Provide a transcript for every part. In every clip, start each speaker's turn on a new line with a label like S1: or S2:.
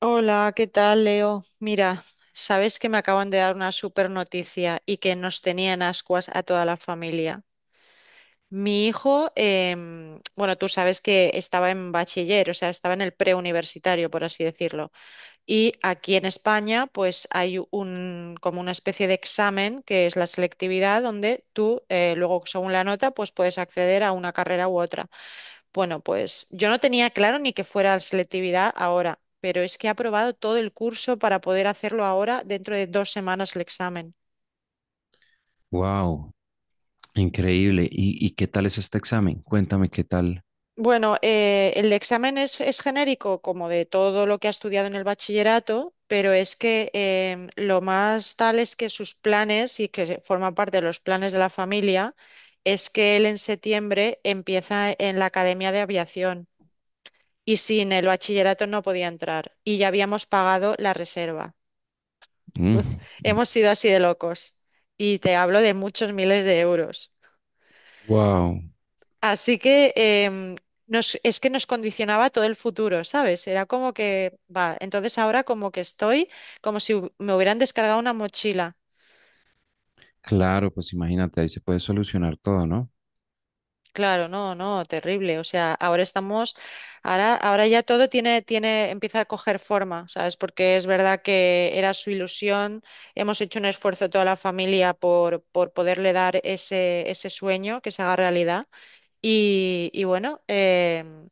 S1: Hola, ¿qué tal, Leo? Mira, sabes que me acaban de dar una super noticia y que nos tenían ascuas a toda la familia. Mi hijo, bueno, tú sabes que estaba en bachiller, o sea, estaba en el preuniversitario, por así decirlo. Y aquí en España, pues hay como una especie de examen que es la selectividad, donde tú, luego, según la nota, pues puedes acceder a una carrera u otra. Bueno, pues yo no tenía claro ni que fuera selectividad ahora, pero es que he aprobado todo el curso para poder hacerlo ahora dentro de 2 semanas el examen.
S2: Wow, increíble. ¿Y, qué tal es este examen? Cuéntame qué tal.
S1: Bueno, el examen es genérico como de todo lo que ha estudiado en el bachillerato, pero es que lo más tal es que sus planes y que forma parte de los planes de la familia es que él en septiembre empieza en la Academia de Aviación y sin el bachillerato no podía entrar y ya habíamos pagado la reserva. Hemos sido así de locos y te hablo de muchos miles de euros.
S2: Wow,
S1: Así que es que nos condicionaba todo el futuro, ¿sabes? Era como que, va, entonces ahora como que estoy como si me hubieran descargado una mochila.
S2: claro, pues imagínate, ahí se puede solucionar todo, ¿no?
S1: Claro, no, no, terrible. O sea, ahora estamos, ahora ya todo tiene, empieza a coger forma, ¿sabes? Porque es verdad que era su ilusión. Hemos hecho un esfuerzo toda la familia por poderle dar ese sueño que se haga realidad. Y bueno,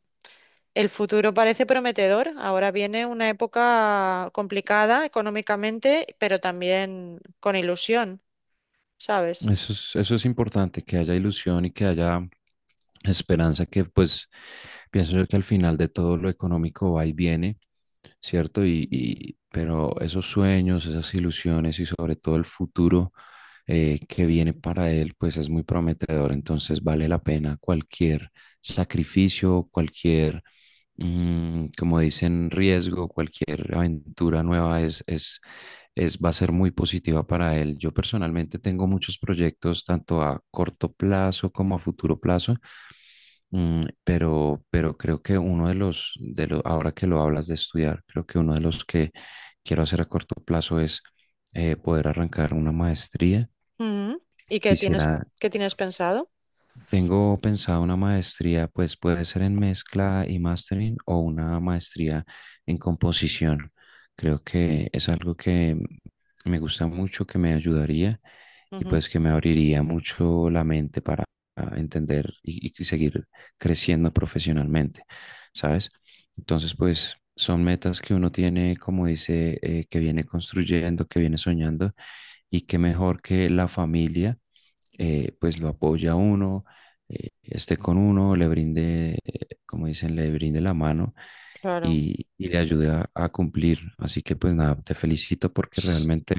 S1: el futuro parece prometedor. Ahora viene una época complicada económicamente, pero también con ilusión, ¿sabes?
S2: Eso es importante, que haya ilusión y que haya esperanza, que pues pienso yo que al final de todo lo económico va y viene, ¿cierto? Pero esos sueños, esas ilusiones y sobre todo el futuro que viene para él, pues es muy prometedor, entonces vale la pena cualquier sacrificio, cualquier como dicen, riesgo, cualquier aventura nueva va a ser muy positiva para él. Yo personalmente tengo muchos proyectos, tanto a corto plazo como a futuro plazo. Pero creo que uno de los, ahora que lo hablas de estudiar, creo que uno de los que quiero hacer a corto plazo es poder arrancar una maestría.
S1: Ujú. ¿Y
S2: Quisiera,
S1: qué tienes pensado?
S2: tengo pensado una maestría, pues puede ser en mezcla y mastering o una maestría en composición. Creo que es algo que me gusta mucho, que me ayudaría, y
S1: Ujú,
S2: pues que me abriría mucho la mente para entender y seguir creciendo profesionalmente, ¿sabes? Entonces, pues son metas que uno tiene, como dice, que viene construyendo, que viene soñando y que mejor que la familia, pues lo apoya a uno, esté con uno, le brinde, como dicen, le brinde la mano
S1: claro.
S2: y le ayude a cumplir. Así que pues nada, te felicito porque
S1: S-
S2: realmente,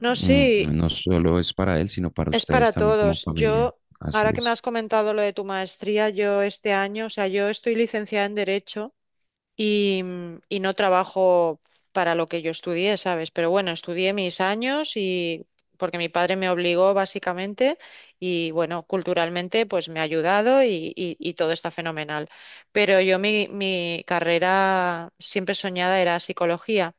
S1: No,
S2: mm,
S1: sí,
S2: no solo es para él, sino para
S1: es
S2: ustedes
S1: para
S2: también como
S1: todos.
S2: familia. Así
S1: Ahora que me
S2: es.
S1: has comentado lo de tu maestría, yo este año, o sea, yo estoy licenciada en Derecho y, y no trabajo para lo que yo estudié, ¿sabes? Pero bueno, estudié mis años y porque mi padre me obligó básicamente y bueno, culturalmente pues me ha ayudado y todo está fenomenal. Pero yo mi carrera siempre soñada era psicología.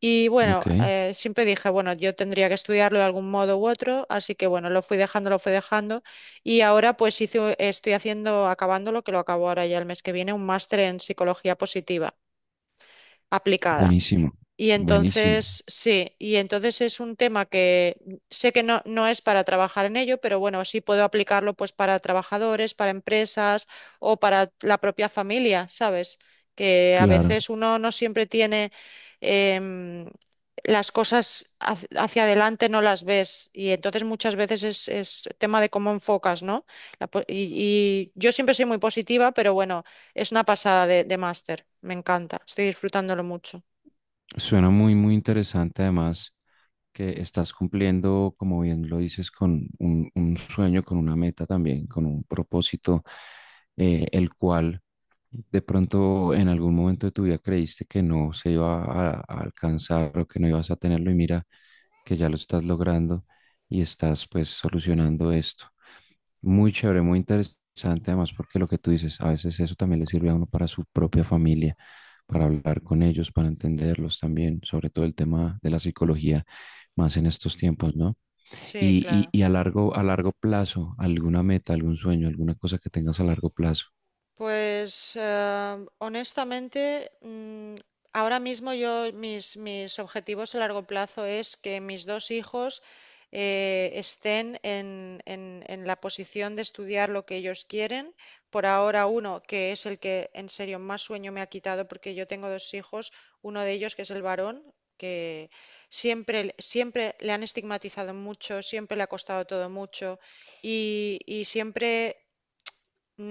S1: Y bueno,
S2: Ok,
S1: siempre dije, bueno, yo tendría que estudiarlo de algún modo u otro, así que bueno, lo fui dejando, lo fui dejando. Y ahora pues estoy haciendo, acabando lo que lo acabo ahora ya el mes que viene, un máster en psicología positiva aplicada.
S2: buenísimo,
S1: Y
S2: buenísimo.
S1: entonces, sí, y entonces es un tema que sé que no, no es para trabajar en ello, pero bueno, sí puedo aplicarlo pues para trabajadores, para empresas o para la propia familia, ¿sabes? Que a
S2: Claro,
S1: veces uno no siempre tiene em, las cosas hacia adelante, no las ves. Y entonces muchas veces es tema de cómo enfocas, ¿no? La po- y, y yo siempre soy muy positiva, pero bueno, es una pasada de máster. Me encanta, estoy disfrutándolo mucho.
S2: suena muy, muy interesante además. Que estás cumpliendo, como bien lo dices, con un sueño, con una meta también, con un propósito, el cual de pronto en algún momento de tu vida creíste que no se iba a alcanzar o que no ibas a tenerlo, y mira que ya lo estás logrando y estás pues solucionando esto. Muy chévere, muy interesante además porque lo que tú dices, a veces eso también le sirve a uno para su propia familia, para hablar con ellos, para entenderlos también, sobre todo el tema de la psicología más en estos tiempos, ¿no?
S1: Sí, claro.
S2: Y a largo plazo, alguna meta, algún sueño, alguna cosa que tengas a largo plazo.
S1: Pues honestamente, ahora mismo yo mis objetivos a largo plazo es que mis 2 hijos estén en la posición de estudiar lo que ellos quieren. Por ahora uno, que es el que en serio más sueño me ha quitado porque yo tengo 2 hijos, uno de ellos que es el varón, que siempre, siempre le han estigmatizado mucho, siempre le ha costado todo mucho y siempre.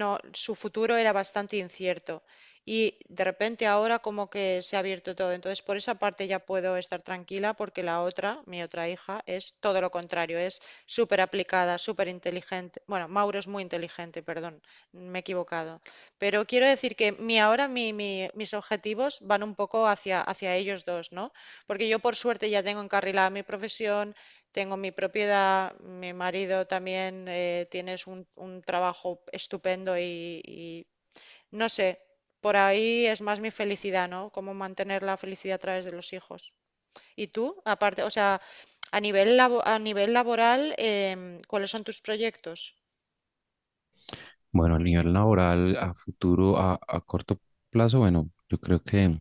S1: No, su futuro era bastante incierto y de repente ahora como que se ha abierto todo. Entonces, por esa parte ya puedo estar tranquila porque la otra, mi otra hija, es todo lo contrario, es súper aplicada, súper inteligente. Bueno, Mauro es muy inteligente, perdón, me he equivocado. Pero quiero decir que mi ahora mis objetivos van un poco hacia, hacia ellos 2, ¿no? Porque yo por suerte ya tengo encarrilada mi profesión, tengo mi propiedad, mi marido también tienes un trabajo estupendo y no sé, por ahí es más mi felicidad, ¿no? Cómo mantener la felicidad a través de los hijos. ¿Y tú? Aparte, o sea, a nivel a nivel laboral, ¿cuáles son tus proyectos?
S2: Bueno, a nivel laboral, a futuro, a corto plazo, bueno, yo creo que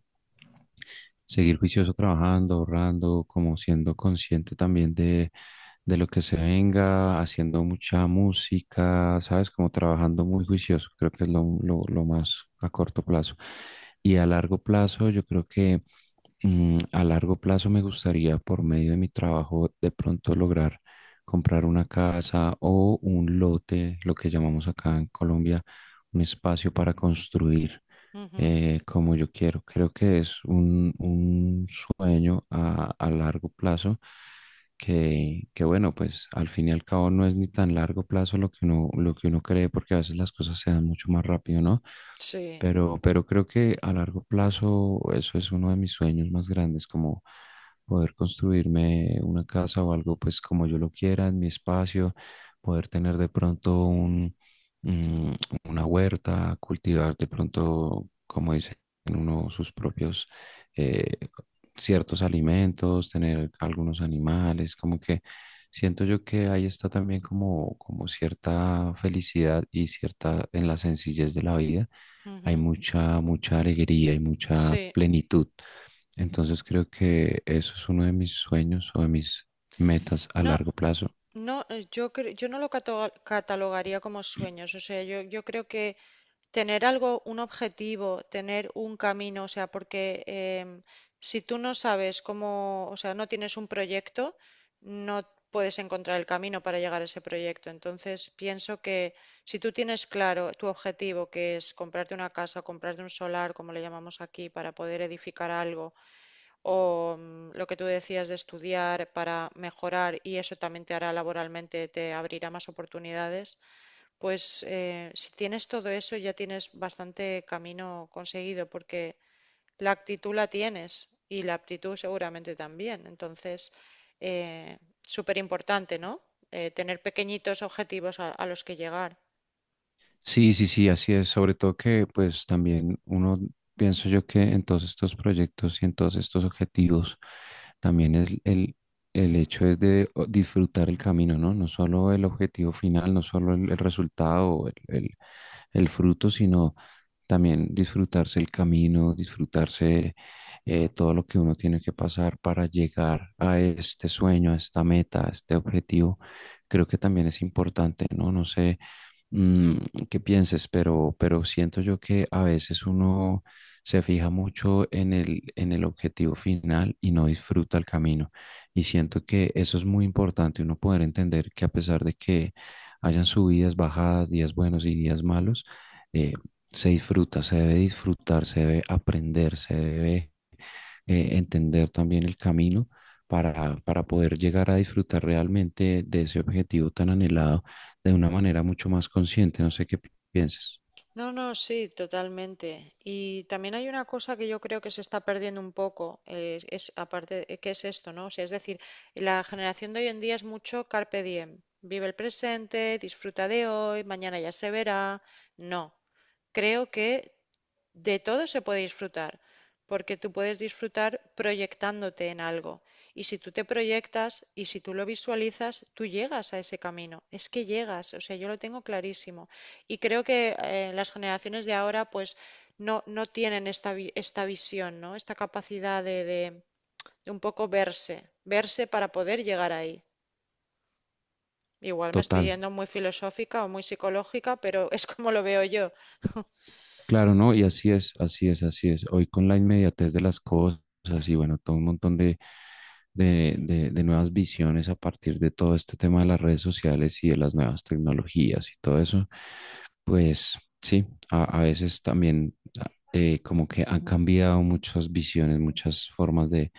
S2: seguir juicioso trabajando, ahorrando, como siendo consciente también de lo que se venga, haciendo mucha música, ¿sabes? Como trabajando muy juicioso, creo que es lo más a corto plazo. Y a largo plazo, yo creo que, mm, a largo plazo me gustaría, por medio de mi trabajo, de pronto lograr comprar una casa o un lote, lo que llamamos acá en Colombia, un espacio para construir
S1: Ujú,
S2: como yo quiero. Creo que es un sueño a largo plazo que, bueno, pues al fin y al cabo no es ni tan largo plazo lo que uno cree, porque a veces las cosas se dan mucho más rápido, ¿no?
S1: sí,
S2: Pero creo que a largo plazo eso es uno de mis sueños más grandes, como poder construirme una casa o algo pues como yo lo quiera en mi espacio, poder tener de pronto un, mm, una huerta, cultivar de pronto, como dicen uno, sus propios, eh, ciertos alimentos, tener algunos animales, como que siento yo que ahí está también como, como cierta felicidad, y cierta, en la sencillez de la vida hay
S1: ujú,
S2: mucha, mucha alegría y mucha
S1: sí.
S2: plenitud. Entonces creo que eso es uno de mis sueños o de mis metas a
S1: No,
S2: largo plazo.
S1: no, yo yo no lo catalogaría como sueños. O sea, yo creo que tener algo, un objetivo, tener un camino, o sea, porque si tú no sabes cómo, o sea, no tienes un proyecto, no puedes encontrar el camino para llegar a ese proyecto. Entonces, pienso que si tú tienes claro tu objetivo, que es comprarte una casa, comprarte un solar, como le llamamos aquí, para poder edificar algo, o lo que tú decías de estudiar para mejorar, y eso también te hará laboralmente, te abrirá más oportunidades. Pues si tienes todo eso ya tienes bastante camino conseguido porque la actitud la tienes y la aptitud seguramente también. Entonces, súper importante, ¿no? Tener pequeñitos objetivos a los que llegar.
S2: Sí, sí, sí, así es. Sobre todo que pues también uno, pienso yo que en todos estos proyectos y en todos estos objetivos, también el hecho es de disfrutar el camino, ¿no? No solo el objetivo final, no solo el resultado, el fruto, sino también disfrutarse el camino, disfrutarse, todo lo que uno tiene que pasar para llegar a este sueño, a esta meta, a este objetivo, creo que también es importante, ¿no? No sé, mm, qué pienses, pero siento yo que a veces uno se fija mucho en el objetivo final y no disfruta el camino. Y siento que eso es muy importante, uno poder entender que a pesar de que hayan subidas, bajadas, días buenos y días malos, eh, se disfruta, se debe disfrutar, se debe aprender, se debe, entender también el camino para poder llegar a disfrutar realmente de ese objetivo tan anhelado de una manera mucho más consciente. No sé qué pienses.
S1: No, no, sí, totalmente. Y también hay una cosa que yo creo que se está perdiendo un poco, es aparte, ¿qué es esto, no? O sea, es decir, la generación de hoy en día es mucho carpe diem. Vive el presente, disfruta de hoy, mañana ya se verá. No, creo que de todo se puede disfrutar, porque tú puedes disfrutar proyectándote en algo. Y si tú te proyectas y si tú lo visualizas, tú llegas a ese camino. Es que llegas, o sea, yo lo tengo clarísimo. Y creo que las generaciones de ahora, pues, no, no tienen esta, esta visión, ¿no? Esta capacidad de un poco verse, verse para poder llegar ahí. Igual me estoy
S2: Total,
S1: yendo muy filosófica o muy psicológica, pero es como lo veo yo.
S2: claro, ¿no? Y así es, así es, así es. Hoy con la inmediatez de las cosas y bueno, todo un montón de nuevas visiones a partir de todo este tema de las redes sociales y de las nuevas tecnologías y todo eso, pues sí, a veces también, como que han cambiado muchas visiones, muchas formas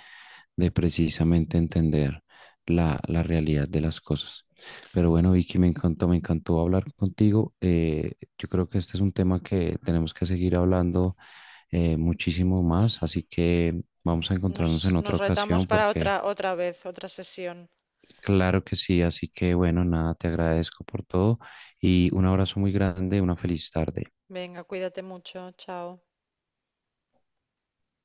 S2: de precisamente entender la realidad de las cosas. Pero bueno, Vicky, me encantó hablar contigo. Yo creo que este es un tema que tenemos que seguir hablando, muchísimo más, así que vamos a encontrarnos en
S1: Nos
S2: otra
S1: retamos
S2: ocasión
S1: para otra,
S2: porque
S1: otra vez, otra sesión.
S2: claro que sí, así que bueno, nada, te agradezco por todo y un abrazo muy grande, una feliz tarde.
S1: Venga, cuídate mucho, chao.